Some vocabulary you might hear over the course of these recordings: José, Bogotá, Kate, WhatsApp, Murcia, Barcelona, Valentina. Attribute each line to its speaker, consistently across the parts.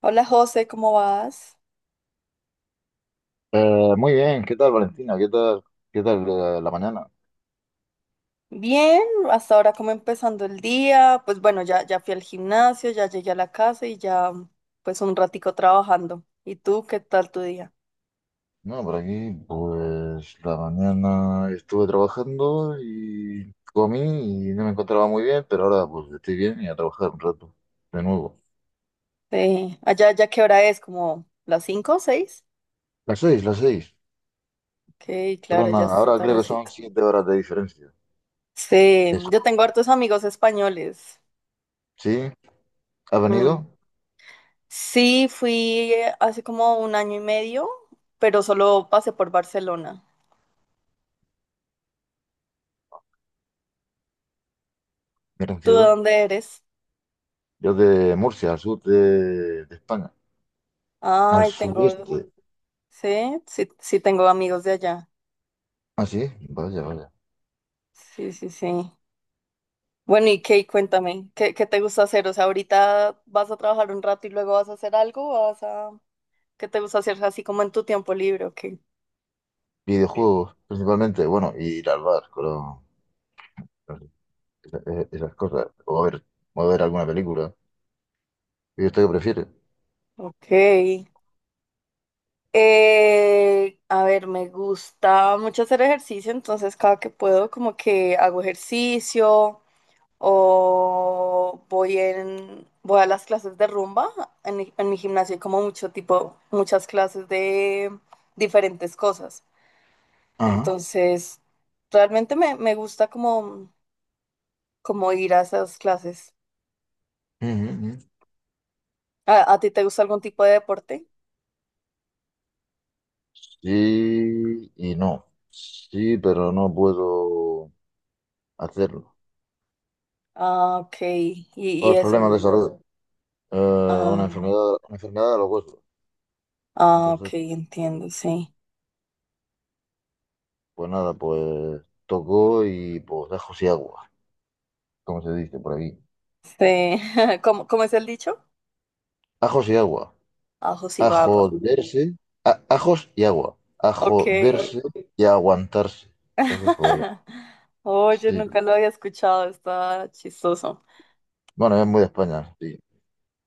Speaker 1: Hola José, ¿cómo vas?
Speaker 2: Muy bien, ¿qué tal, Valentina? ¿Qué tal, la mañana?
Speaker 1: Bien, hasta ahora como empezando el día, pues bueno, ya fui al gimnasio, ya llegué a la casa y ya pues un ratico trabajando. ¿Y tú qué tal tu día?
Speaker 2: No, por aquí, pues la mañana estuve trabajando y comí y no me encontraba muy bien, pero ahora pues estoy bien y a trabajar un rato, de nuevo.
Speaker 1: Sí, allá ya qué hora es, como las cinco o seis.
Speaker 2: Las seis, las seis.
Speaker 1: Ok, claro,
Speaker 2: Son,
Speaker 1: ya está
Speaker 2: ahora creo que son
Speaker 1: tardecito.
Speaker 2: 7 horas de diferencia.
Speaker 1: Sí,
Speaker 2: Eso.
Speaker 1: yo tengo hartos amigos españoles.
Speaker 2: Sí, ¿has
Speaker 1: Mm.
Speaker 2: venido?
Speaker 1: Sí, fui hace como un año y medio, pero solo pasé por Barcelona.
Speaker 2: Gran
Speaker 1: ¿Tú de
Speaker 2: ciudad.
Speaker 1: dónde eres?
Speaker 2: Yo de Murcia, al sur de España. Al
Speaker 1: Ay, tengo.
Speaker 2: sureste.
Speaker 1: Sí, sí, sí tengo amigos de allá.
Speaker 2: Ah, sí, vaya, vaya.
Speaker 1: Sí, sí, sí. Bueno, y Kate, cuéntame, ¿qué te gusta hacer? O sea, ahorita vas a trabajar un rato y luego vas a hacer algo, o vas a... ¿Qué te gusta hacer así como en tu tiempo libre? Ok.
Speaker 2: Videojuegos, principalmente, bueno, y ir al bar, claro. Esas cosas. O a ver alguna película. ¿Y usted qué prefiere?
Speaker 1: Ok. A ver, me gusta mucho hacer ejercicio, entonces cada que puedo como que hago ejercicio, o voy a las clases de rumba. En mi gimnasio hay como mucho tipo, muchas clases de diferentes cosas.
Speaker 2: Ajá.
Speaker 1: Entonces, realmente me gusta como, como ir a esas clases.
Speaker 2: Ujú, ujú.
Speaker 1: ¿A ti te gusta algún tipo de deporte?
Speaker 2: Sí y no. Sí, pero no puedo hacerlo.
Speaker 1: Ah, ok. Y
Speaker 2: Por
Speaker 1: eso.
Speaker 2: problemas de salud. Eh, una
Speaker 1: Ah,
Speaker 2: enfermedad, una enfermedad de los huesos.
Speaker 1: ah, ok,
Speaker 2: Entonces,
Speaker 1: entiendo, sí.
Speaker 2: pues nada, pues tocó y pues ajos y agua, como se dice por aquí.
Speaker 1: Sí. ¿Cómo es el dicho?
Speaker 2: Ajos y agua.
Speaker 1: Ajo y
Speaker 2: A
Speaker 1: baba.
Speaker 2: joderse, ajos y agua. A
Speaker 1: Ok.
Speaker 2: joderse y a aguantarse. Entonces, pues
Speaker 1: Oye,
Speaker 2: sí.
Speaker 1: nunca lo había escuchado, está chistoso.
Speaker 2: Bueno, es muy de España, sí.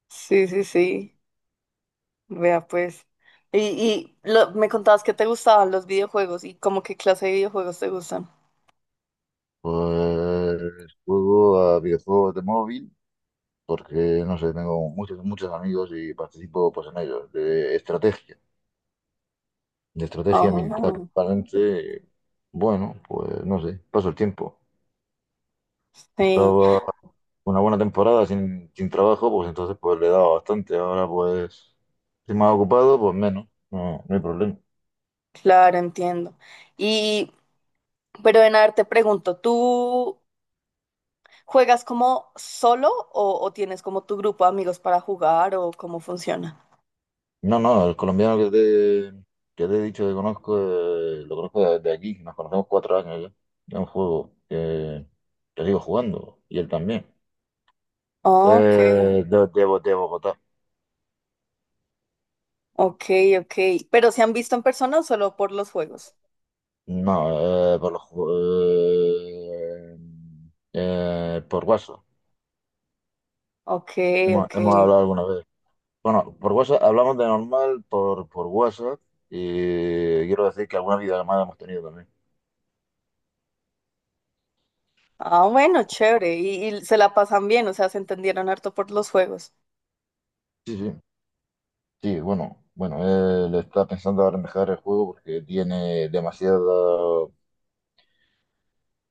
Speaker 1: Sí, sí, sí. Vea pues. Y, me contabas que te gustaban los videojuegos y como qué clase de videojuegos te gustan.
Speaker 2: Pues juego a videojuegos de móvil porque, no sé, tengo muchos, muchos amigos y participo pues en ellos, de estrategia militar.
Speaker 1: Oh,
Speaker 2: Realmente, bueno, pues no sé, paso el tiempo.
Speaker 1: sí,
Speaker 2: Estaba una buena temporada sin trabajo, pues entonces pues le he dado bastante. Ahora pues, si más ocupado, pues menos, no, no hay problema.
Speaker 1: claro, entiendo. Y, pero en ver, te pregunto, ¿tú juegas como solo o tienes como tu grupo de amigos para jugar o cómo funciona?
Speaker 2: No, no, el colombiano que te he dicho que conozco, lo conozco desde aquí, nos conocemos 4 años ya, es un juego que sigo jugando, y él también.
Speaker 1: Ok,
Speaker 2: De Bogotá.
Speaker 1: ok, ok. ¿Pero se han visto en persona o solo por los juegos?
Speaker 2: No, eh, por WhatsApp.
Speaker 1: Ok,
Speaker 2: Hemos,
Speaker 1: ok.
Speaker 2: hemos hablado alguna vez. Bueno, por WhatsApp hablamos de normal por WhatsApp y quiero decir que alguna videollamada hemos tenido también.
Speaker 1: Ah, bueno, chévere. Y se la pasan bien, o sea, se entendieron harto por los juegos.
Speaker 2: Sí, sí. Sí, bueno, bueno, él está pensando ahora en dejar el juego porque tiene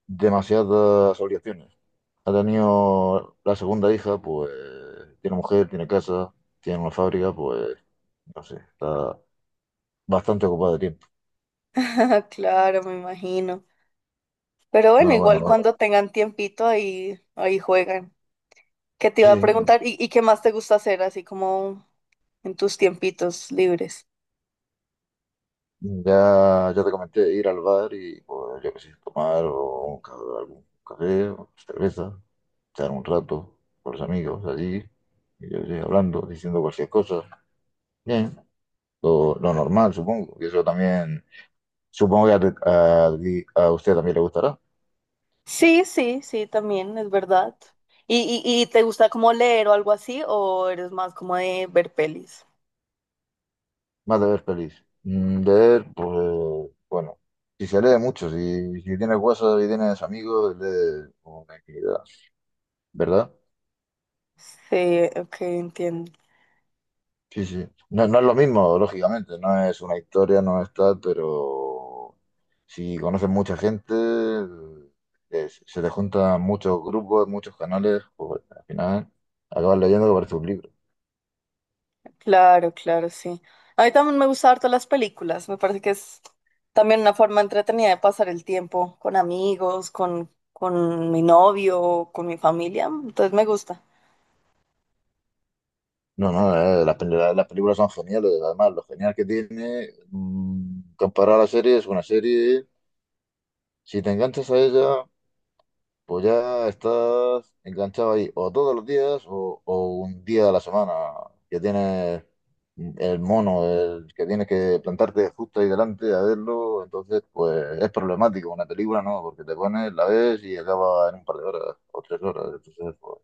Speaker 2: demasiadas obligaciones. Ha tenido la segunda hija, pues tiene mujer, tiene casa, tiene una fábrica, pues no sé, está bastante ocupado de tiempo.
Speaker 1: Claro, me imagino. Pero bueno,
Speaker 2: No,
Speaker 1: igual
Speaker 2: bueno,
Speaker 1: cuando tengan tiempito ahí, ahí juegan. ¿Qué te iba a
Speaker 2: sí,
Speaker 1: preguntar? ¿Y qué más te gusta hacer así como en tus tiempitos libres?
Speaker 2: ya, ya te comenté, ir al bar y pues yo qué sé, tomar o algún café, o cerveza, echar un rato con los amigos allí, y yo qué sé, hablando, diciendo cualquier cosa. Bien. Lo normal, supongo. Y eso también, supongo que a, tu- a- ti- a usted también le gustará.
Speaker 1: Sí, sí, sí, también, es verdad. ¿Y te gusta como leer o algo así? ¿O eres más como de ver pelis?
Speaker 2: Más de ver pelis. De ver, pues, bueno, si se lee mucho, si tienes huesos y tienes amigos, lee una infinidad, ¿verdad?
Speaker 1: Sí, ok, entiendo.
Speaker 2: Sí, sí. No, no es lo mismo, lógicamente, no es una historia, no es tal, pero si conoces mucha gente, se te juntan muchos grupos, muchos canales, pues al final acabas leyendo que parece un libro.
Speaker 1: Claro, claro, sí. A mí también me gustan harto las películas. Me parece que es también una forma entretenida de pasar el tiempo con amigos, con mi novio, con mi familia. Entonces me gusta.
Speaker 2: No, no, las películas son geniales. Además, lo genial que tiene comparado a la serie es una serie. Si te enganchas a ella, pues ya estás enganchado ahí o todos los días o un día a la semana que tienes el mono, el que tienes que plantarte justo ahí delante a verlo. Entonces, pues es problemático. Una película no, porque te pones, la ves y acaba en un par de horas o 3 horas. Entonces, pues,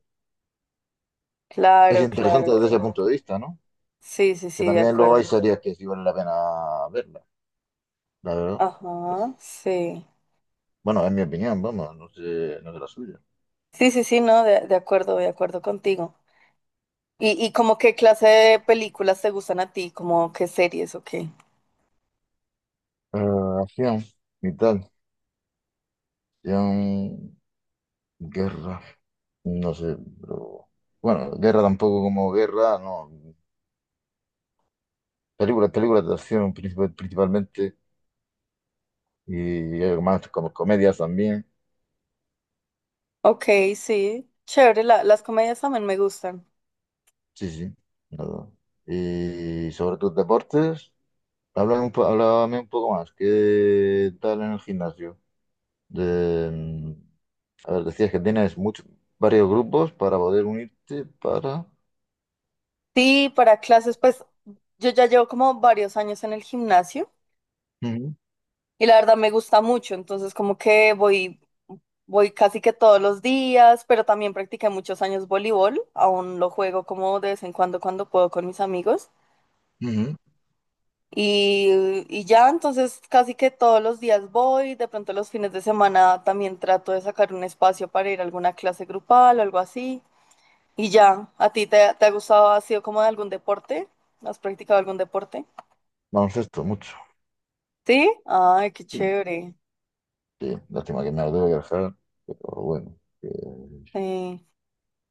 Speaker 2: es no,
Speaker 1: Claro,
Speaker 2: interesante
Speaker 1: claro,
Speaker 2: desde ese
Speaker 1: claro.
Speaker 2: punto de vista, ¿no?
Speaker 1: Sí, sí,
Speaker 2: Que
Speaker 1: sí, de
Speaker 2: también luego hay
Speaker 1: acuerdo.
Speaker 2: series que sí vale la pena verlas, la verdad.
Speaker 1: Ajá, sí.
Speaker 2: Bueno, es mi opinión, vamos, no sé la suya.
Speaker 1: Sí, sí, sí, no, de acuerdo contigo. ¿Y como qué clase de películas te gustan a ti? ¿Como qué series o qué?
Speaker 2: Eh, Acción y tal. Acción, guerra, no sé, pero... Bueno, guerra tampoco como guerra, no. Películas de acción principalmente y hay más como comedias también.
Speaker 1: Ok, sí. Chévere, las comedias también me gustan.
Speaker 2: Sí, sí. No. Y sobre tus deportes, háblame un poco más. ¿Qué tal en el gimnasio? De, a ver, decías que tienes muchos, varios grupos para poder unirte para...
Speaker 1: Sí, para clases, pues yo ya llevo como varios años en el gimnasio
Speaker 2: Ujú,
Speaker 1: y la verdad me gusta mucho, entonces como que voy casi que todos los días, pero también practiqué muchos años voleibol, aún lo juego como de vez en cuando cuando puedo con mis amigos
Speaker 2: ujú.
Speaker 1: y, y ya, entonces casi que todos los días voy, de pronto los fines de semana también trato de sacar un espacio para ir a alguna clase grupal o algo así y ya, ¿a ti te ha gustado, ha sido como de algún deporte? ¿Has practicado algún deporte?
Speaker 2: Baloncesto, mucho.
Speaker 1: Sí, ay, qué
Speaker 2: Sí,
Speaker 1: chévere.
Speaker 2: sí. Lástima que me lo tengo que dejar, pero bueno. Que
Speaker 1: Sí.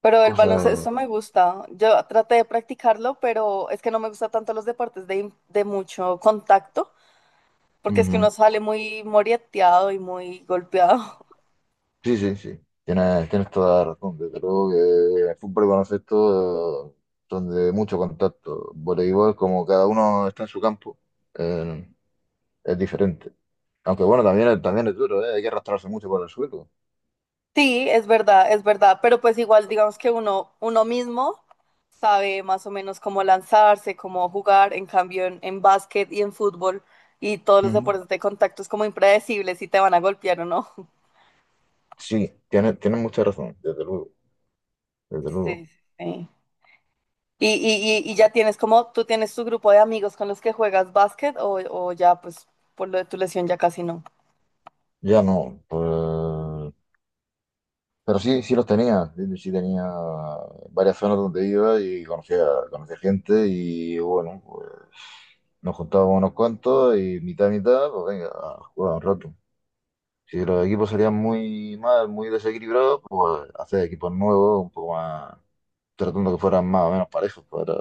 Speaker 1: Pero el
Speaker 2: cosas...
Speaker 1: baloncesto me gusta. Yo traté de practicarlo, pero es que no me gusta tanto los deportes de mucho contacto, porque es que
Speaker 2: Ujú.
Speaker 1: uno sale muy moreteado y muy golpeado.
Speaker 2: Sí, sí, sí. Tienes toda la razón. Desde luego que el fútbol y baloncesto son de mucho contacto. Voleibol, como cada uno está en su campo, eh, es diferente. Aunque bueno, también, también es duro, ¿eh? Hay que arrastrarse mucho por el suelo.
Speaker 1: Sí, es verdad, pero pues igual digamos que uno mismo sabe más o menos cómo lanzarse, cómo jugar, en cambio en básquet y en fútbol y todos los
Speaker 2: Ujú.
Speaker 1: deportes de contacto es como impredecible si te van a golpear o no.
Speaker 2: Sí, tiene mucha razón, desde luego, desde
Speaker 1: Sí,
Speaker 2: luego.
Speaker 1: sí. Sí. Y ya tienes como, tú tienes tu grupo de amigos con los que juegas básquet o ya pues por lo de tu lesión ya casi no.
Speaker 2: Ya no, pues, pero sí, sí los tenía, sí sí tenía varias zonas donde iba y conocía gente y bueno, pues nos juntábamos unos cuantos y mitad, mitad, pues venga, a jugar un rato. Si los equipos serían muy mal, muy desequilibrados, pues hacer equipos nuevos, un poco más, tratando que fueran más o menos parejos, para,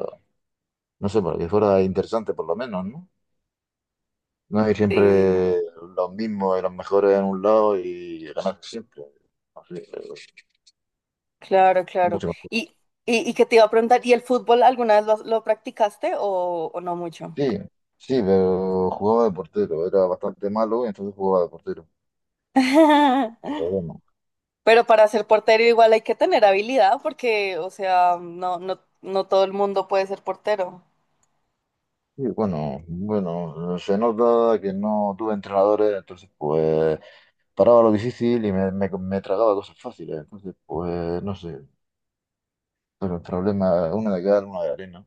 Speaker 2: no sé, para que fuera interesante por lo menos, ¿no? No, y
Speaker 1: Sí,
Speaker 2: siempre los mismos, y los mejores en un lado y ganar siempre. Así que,
Speaker 1: claro,
Speaker 2: es
Speaker 1: claro.
Speaker 2: mucho mejor.
Speaker 1: Y, y que te iba a preguntar, ¿y el fútbol alguna vez lo practicaste o no mucho?
Speaker 2: Sí, sí, pero jugaba de portero, era bastante malo y entonces jugaba de portero. Pero bueno,
Speaker 1: Pero para ser portero igual hay que tener habilidad porque, o sea, no, no, no todo el mundo puede ser portero.
Speaker 2: sí, bueno, bueno, se nota que no tuve entrenadores, entonces pues paraba lo difícil y me tragaba cosas fáciles. Entonces, pues no sé, pero el problema, una de cal, una de arena.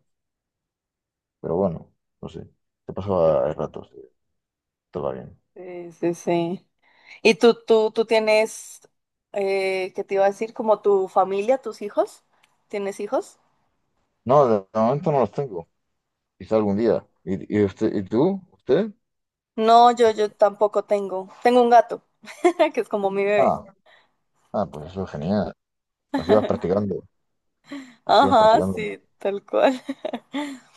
Speaker 2: Pero bueno, no sé, se pasaba el rato, sí, todo va bien.
Speaker 1: Sí, sí, sí. ¿Y tú tienes, qué te iba a decir, como tu familia, tus hijos? ¿Tienes hijos?
Speaker 2: No, de momento no los tengo. Quizá algún día. ¿Y usted, y tú? ¿Usted?
Speaker 1: No, yo tampoco tengo. Tengo un gato, que es como mi bebé.
Speaker 2: Ah, ah, pues eso es genial. Así vas practicando. Así vas
Speaker 1: Ajá,
Speaker 2: practicando.
Speaker 1: sí, tal cual.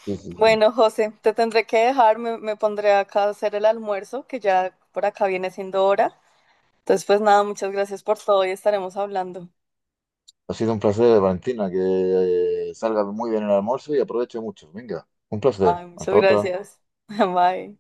Speaker 2: Sí, sí, sí.
Speaker 1: Bueno, José, te tendré que dejar, me pondré acá a hacer el almuerzo, que ya por acá viene siendo hora. Entonces, pues nada, muchas gracias por todo y estaremos hablando.
Speaker 2: Ha sido un placer, Valentina, que salga muy bien el almuerzo y aproveche mucho. Venga, un placer.
Speaker 1: Ay, muchas
Speaker 2: Hasta otra.
Speaker 1: gracias. Bye.